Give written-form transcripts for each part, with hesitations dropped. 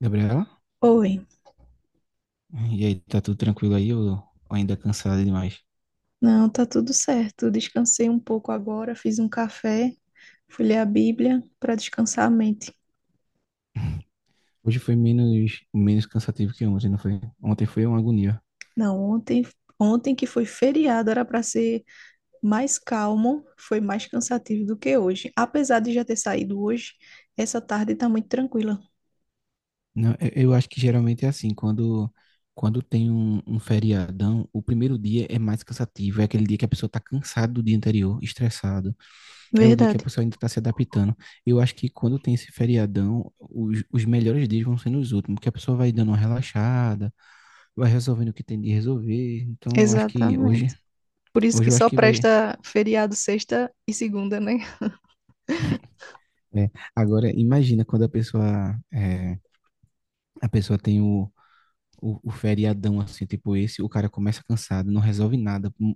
Gabriela? Oi, E aí, tá tudo tranquilo aí ou ainda cansada demais? não, tá tudo certo. Descansei um pouco agora, fiz um café, fui ler a Bíblia para descansar a mente. Hoje foi menos cansativo que ontem, não foi? Ontem foi uma agonia. Não, ontem, ontem que foi feriado, era para ser mais calmo, foi mais cansativo do que hoje. Apesar de já ter saído hoje, essa tarde tá muito tranquila. Não, eu acho que geralmente é assim, quando tem um feriadão, o primeiro dia é mais cansativo, é aquele dia que a pessoa tá cansada do dia anterior, estressado, é o dia que a Verdade, pessoa ainda tá se adaptando. Eu acho que quando tem esse feriadão, os melhores dias vão sendo os últimos, que a pessoa vai dando uma relaxada, vai resolvendo o que tem de resolver. Então, eu acho que exatamente. Por isso que hoje eu acho só que vai presta feriado sexta e segunda, né? né? Agora, imagina quando a pessoa, a pessoa tem o feriadão assim, tipo esse, o cara começa cansado, não resolve nada.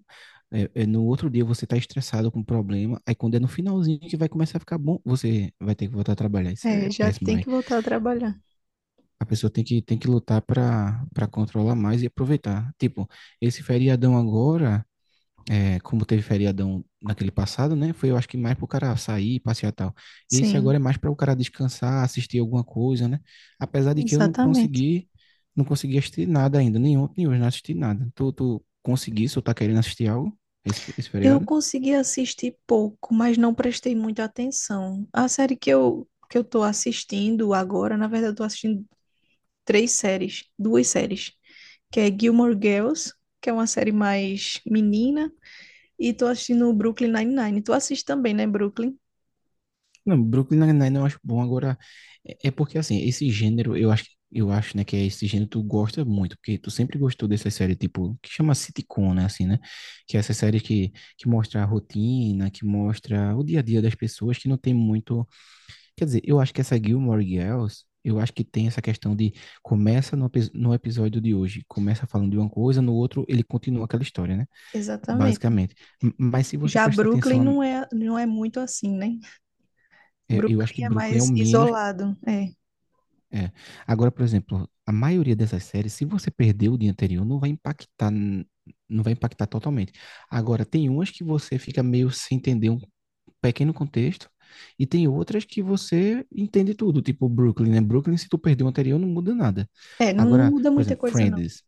No outro dia você tá estressado com um problema, aí quando é no finalzinho que vai começar a ficar bom, você vai ter que voltar a trabalhar. Isso É, é já péssimo, tem velho. que voltar a trabalhar. A pessoa tem que lutar para controlar mais e aproveitar. Tipo, esse feriadão agora é, como teve feriadão naquele passado, né? Foi, eu acho que mais para o cara sair, passear e tal. Esse agora Sim, é mais para o cara descansar, assistir alguma coisa, né? Apesar de que eu exatamente. Não consegui assistir nada ainda, nem ontem, nem hoje, não assisti nada. Tu conseguisse ou tá querendo assistir algo esse Eu feriado? consegui assistir pouco, mas não prestei muita atenção. A série que eu tô assistindo agora, na verdade, eu tô assistindo três séries, duas séries, que é Gilmore Girls, que é uma série mais menina, e tô assistindo Brooklyn Nine-Nine. Tu assiste também, né, Brooklyn? Não, Brooklyn Nine-Nine eu acho bom. Agora, é porque assim, esse gênero, eu acho, né, que é esse gênero que tu gosta muito, porque tu sempre gostou dessa série, tipo, que chama sitcom, né, assim, né? Que é essa série que mostra a rotina, que mostra o dia a dia das pessoas, que não tem muito. Quer dizer, eu acho que essa Gilmore Girls, eu acho que tem essa questão de começa no episódio de hoje, começa falando de uma coisa, no outro ele continua aquela história, né? Exatamente. Basicamente. Mas se você Já prestar Brooklyn atenção, não é não é muito assim, né? eu acho que Brooklyn é Brooklyn é o mais menos. isolado, é. É. Agora, por exemplo, a maioria dessas séries, se você perdeu o dia anterior, não vai não vai impactar totalmente. Agora, tem umas que você fica meio sem entender um pequeno contexto, e tem outras que você entende tudo, tipo Brooklyn, né? Brooklyn, se tu perdeu o anterior, não muda nada. É, não, não Agora, muda por muita exemplo, coisa não. Friends,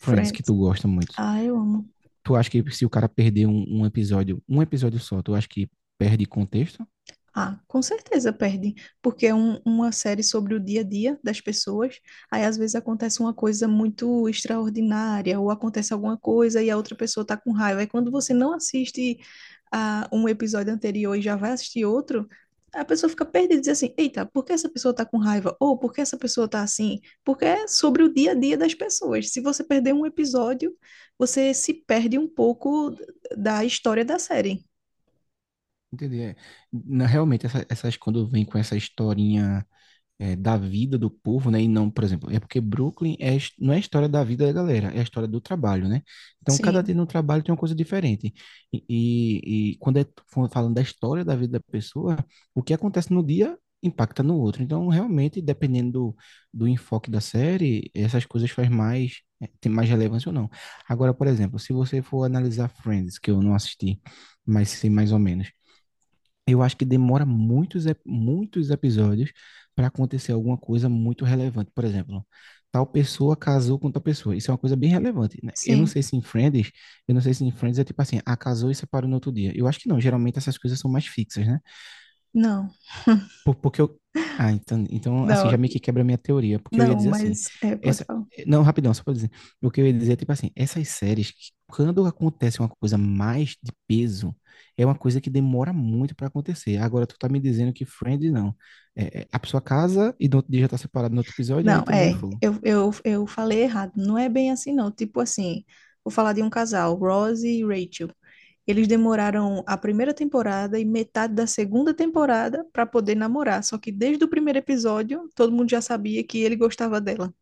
Friends que tu gosta muito. Ah, eu amo. Tu acha que se o cara perder um episódio só, tu acha que perde contexto? Ah, com certeza perde, porque é uma série sobre o dia a dia das pessoas. Aí às vezes acontece uma coisa muito extraordinária, ou acontece alguma coisa e a outra pessoa tá com raiva. Aí quando você não assiste a um episódio anterior e já vai assistir outro, a pessoa fica perdida e diz assim: Eita, por que essa pessoa tá com raiva? Ou por que essa pessoa tá assim? Porque é sobre o dia a dia das pessoas. Se você perder um episódio, você se perde um pouco da história da série. Entendi. É. Realmente, essas quando vem com essa historinha. É, da vida do povo, né? E não, por exemplo, é porque Brooklyn é, não é a história da vida da galera, é a história do trabalho, né? Então, cada dia Sim, no trabalho tem uma coisa diferente. E quando é falando da história da vida da pessoa, o que acontece no dia impacta no outro. Então, realmente, dependendo do enfoque da série, essas coisas faz mais, é, tem mais relevância ou não. Agora, por exemplo, se você for analisar Friends, que eu não assisti, mas sei mais ou menos eu acho que demora muitos episódios para acontecer alguma coisa muito relevante. Por exemplo, tal pessoa casou com tal pessoa. Isso é uma coisa bem relevante, né? Eu não sim. sei se em eu não sei se em Friends é tipo assim, ah, casou e separou no outro dia. Eu acho que não, geralmente essas coisas são mais fixas, né? Não. Porque eu. Ah, assim, já Não, meio que quebra a minha teoria, porque eu ia não, dizer assim, mas é, pode essa. falar. Não, rapidão, só pra dizer. O que eu ia dizer é, tipo assim, essas séries, que quando acontece uma coisa mais de peso, é uma coisa que demora muito pra acontecer. Agora, tu tá me dizendo que Friends não. A pessoa casa e no outro dia já tá separado no outro episódio, aí Não, também é é, fogo. eu falei errado. Não é bem assim, não. Tipo assim, vou falar de um casal, Ross e Rachel. Eles demoraram a primeira temporada e metade da segunda temporada para poder namorar. Só que desde o primeiro episódio, todo mundo já sabia que ele gostava dela.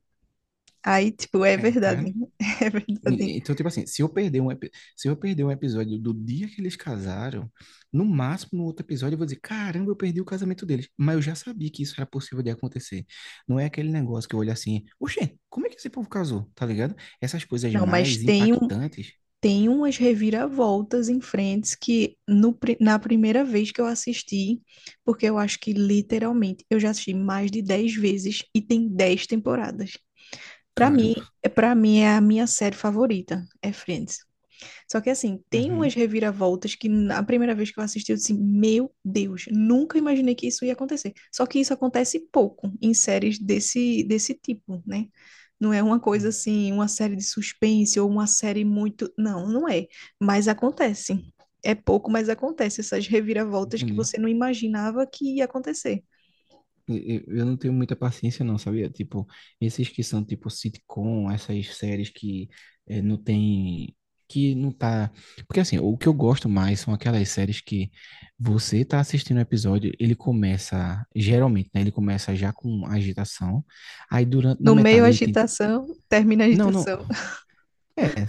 Aí, tipo, é É, tá. verdade. É verdade. Então, tipo assim, se eu perder se eu perder um episódio do dia que eles casaram, no máximo no outro episódio eu vou dizer, caramba, eu perdi o casamento deles. Mas eu já sabia que isso era possível de acontecer. Não é aquele negócio que eu olho assim, oxê, como é que esse povo casou? Tá ligado? Essas coisas Não, mas mais tem um. impactantes, Tem umas reviravoltas em frentes que no, pri- na primeira vez que eu assisti, porque eu acho que literalmente eu já assisti mais de 10 vezes e tem 10 temporadas. Pra cara. mim, é para mim é a minha série favorita, é Friends. Só que assim, tem umas Uhum. reviravoltas que na primeira vez que eu assisti, eu disse, assim, meu Deus, nunca imaginei que isso ia acontecer. Só que isso acontece pouco em séries desse tipo, né? Não é uma coisa Uhum. assim, uma série de suspense ou uma série muito. Não, não é. Mas acontece. É pouco, mas acontece essas reviravoltas que Entendi. você não imaginava que ia acontecer. Eu não tenho muita paciência, não, sabia? Tipo, esses que são tipo sitcom, essas séries que não tem. Que não tá. Porque assim, o que eu gosto mais são aquelas séries que você tá assistindo o episódio, ele começa, geralmente, né? Ele começa já com agitação. Aí durante, na No meio, a metade ele tem. agitação, termina a Não, não. agitação. É,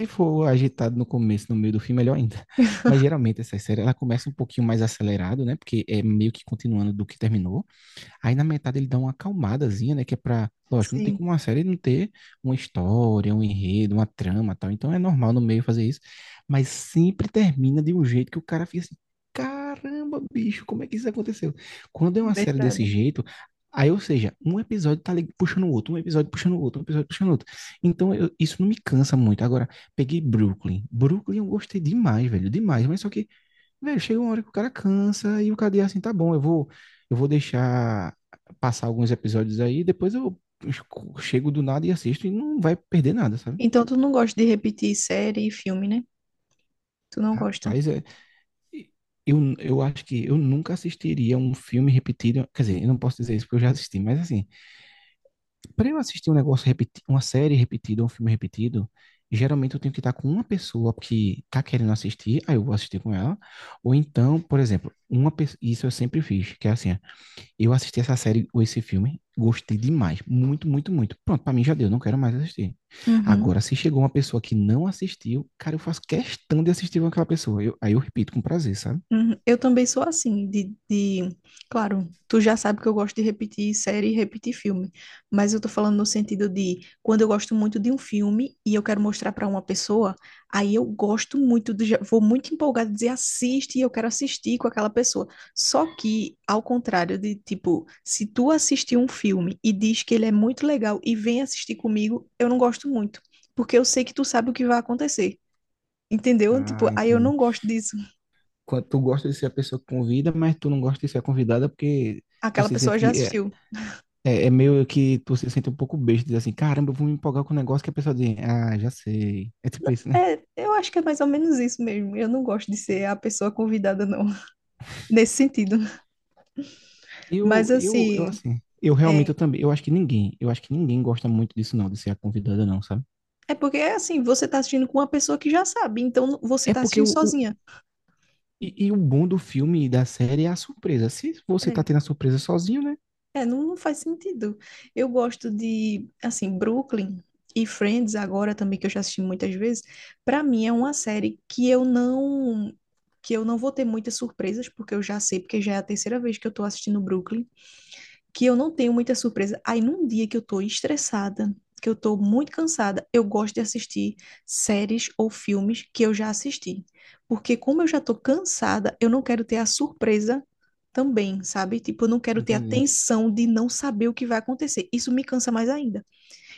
se for agitado no começo, no meio do fim, melhor ainda. Mas geralmente essa série, ela começa um pouquinho mais acelerado, né? Porque é meio que continuando do que terminou. Aí na metade ele dá uma acalmadazinha, né? Que é pra. Lógico, não tem Sim. como uma série não ter uma história, um enredo, uma trama e tal. Então é normal no meio fazer isso. Mas sempre termina de um jeito que o cara fica assim: caramba, bicho, como é que isso aconteceu? Quando é uma série desse Verdade. jeito. Aí, ou seja, um episódio tá ali puxando o outro, um episódio puxando o outro, um episódio puxando o outro. Então, isso não me cansa muito. Agora, peguei Brooklyn. Brooklyn eu gostei demais, velho, demais. Mas só que velho, chega uma hora que o cara cansa e o cara diz assim, tá bom, eu vou deixar passar alguns episódios aí, depois eu chego do nada e assisto e não vai perder nada, sabe? Então tu não gosta de repetir série e filme, né? Tu não gosta. Rapaz, é, eu acho que eu nunca assistiria um filme repetido, quer dizer, eu não posso dizer isso porque eu já assisti, mas assim, para eu assistir um negócio repetido, uma série repetida, um filme repetido, geralmente eu tenho que estar com uma pessoa que tá querendo assistir, aí eu vou assistir com ela, ou então, por exemplo, isso eu sempre fiz, que é assim, eu assisti essa série ou esse filme, gostei demais, muito, muito, muito. Pronto, pra mim já deu, não quero mais assistir. Uhum. Agora, se chegou uma pessoa que não assistiu, cara, eu faço questão de assistir com aquela pessoa. Aí eu repito com prazer, sabe? Uhum. Eu também sou assim. Claro, tu já sabe que eu gosto de repetir série e repetir filme, mas eu tô falando no sentido de quando eu gosto muito de um filme e eu quero mostrar pra uma pessoa, aí eu gosto muito, do... já- vou muito empolgada dizer assiste e eu quero assistir com aquela pessoa. Só que, ao contrário de, tipo, se tu assistir um filme e diz que ele é muito legal e vem assistir comigo, eu não gosto muito, porque eu sei que tu sabe o que vai acontecer. Entendeu? Tipo, Ah, aí eu entendi. não gosto disso. Quando tu gosta de ser a pessoa que convida, mas tu não gosta de ser a convidada porque tu Aquela se pessoa sente. já assistiu. É meio que tu se sente um pouco besta, diz assim, caramba, eu vou me empolgar com um negócio que a pessoa diz, ah, já sei. É tipo isso, né? É, eu acho que é mais ou menos isso mesmo. Eu não gosto de ser a pessoa convidada, não, nesse sentido. Mas Eu assim, assim. Eu realmente é, eu também, eu acho que eu acho que ninguém gosta muito disso não, de ser a convidada não, sabe? é porque é assim, você tá assistindo com uma pessoa que já sabe, então não- você É tá porque assistindo sozinha. E o bom do filme e da série é a surpresa. Se você tá É, tendo a surpresa sozinho, né? é, não, não faz sentido. Eu gosto de, assim, Brooklyn e Friends agora também, que eu já assisti muitas vezes, pra mim é uma série que eu não vou ter muitas surpresas, porque eu já sei, porque já é a terceira vez que eu tô assistindo Brooklyn. Que eu não tenho muita surpresa. Aí num dia que eu tô estressada, que eu tô muito cansada, eu gosto de assistir séries ou filmes que eu já assisti. Porque como eu já tô cansada, eu não quero ter a surpresa também, sabe? Tipo, eu não quero ter a Entendi. tensão de não saber o que vai acontecer. Isso me cansa mais ainda.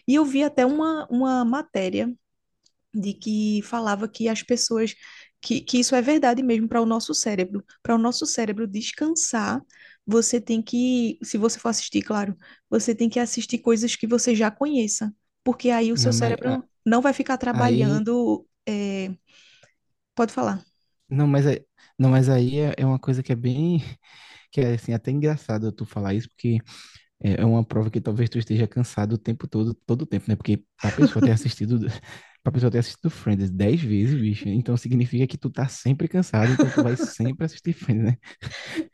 E eu vi até uma matéria de que falava que as pessoas que isso é verdade mesmo para o nosso cérebro. Para o nosso cérebro descansar, você tem que, se você for assistir, claro, você tem que assistir coisas que você já conheça, porque aí o seu Não, mas cérebro não vai ficar aí. trabalhando. Pode falar. Não, não, mas aí é uma coisa que é bem. Que é assim, até engraçado tu falar isso, porque é uma prova que talvez tu esteja cansado o tempo todo, todo o tempo, né? Porque pra pessoa ter assistido. Pra pessoa ter assistido Friends 10 vezes, bicho, então significa que tu tá sempre cansado, então tu vai sempre assistir Friends, né?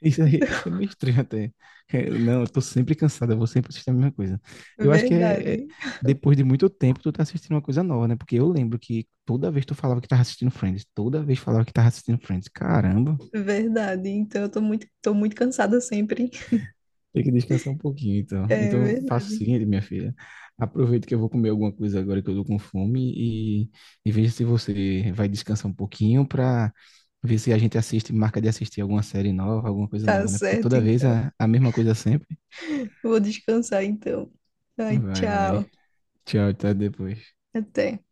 Isso aí é meio estranho até. É, não, eu tô sempre cansado, eu vou sempre assistir a mesma coisa. Eu acho que Verdade, depois de muito tempo tu tá assistindo uma coisa nova, né? Porque eu lembro que toda vez tu falava que tava assistindo Friends, toda vez falava que tava assistindo Friends. Caramba, verdade. Então eu tô muito cansada sempre. tem que descansar um pouquinho, então. É Então eu faço o verdade. seguinte, minha filha, aproveito que eu vou comer alguma coisa agora que eu tô com fome e, e veja se você vai descansar um pouquinho pra ver se a gente assiste, marca de assistir alguma série nova, alguma coisa Tá nova, né? Porque certo, toda vez então. A mesma coisa sempre. Vou descansar, então. Ai, Vai, tchau. vai. Tchau, até depois. Até.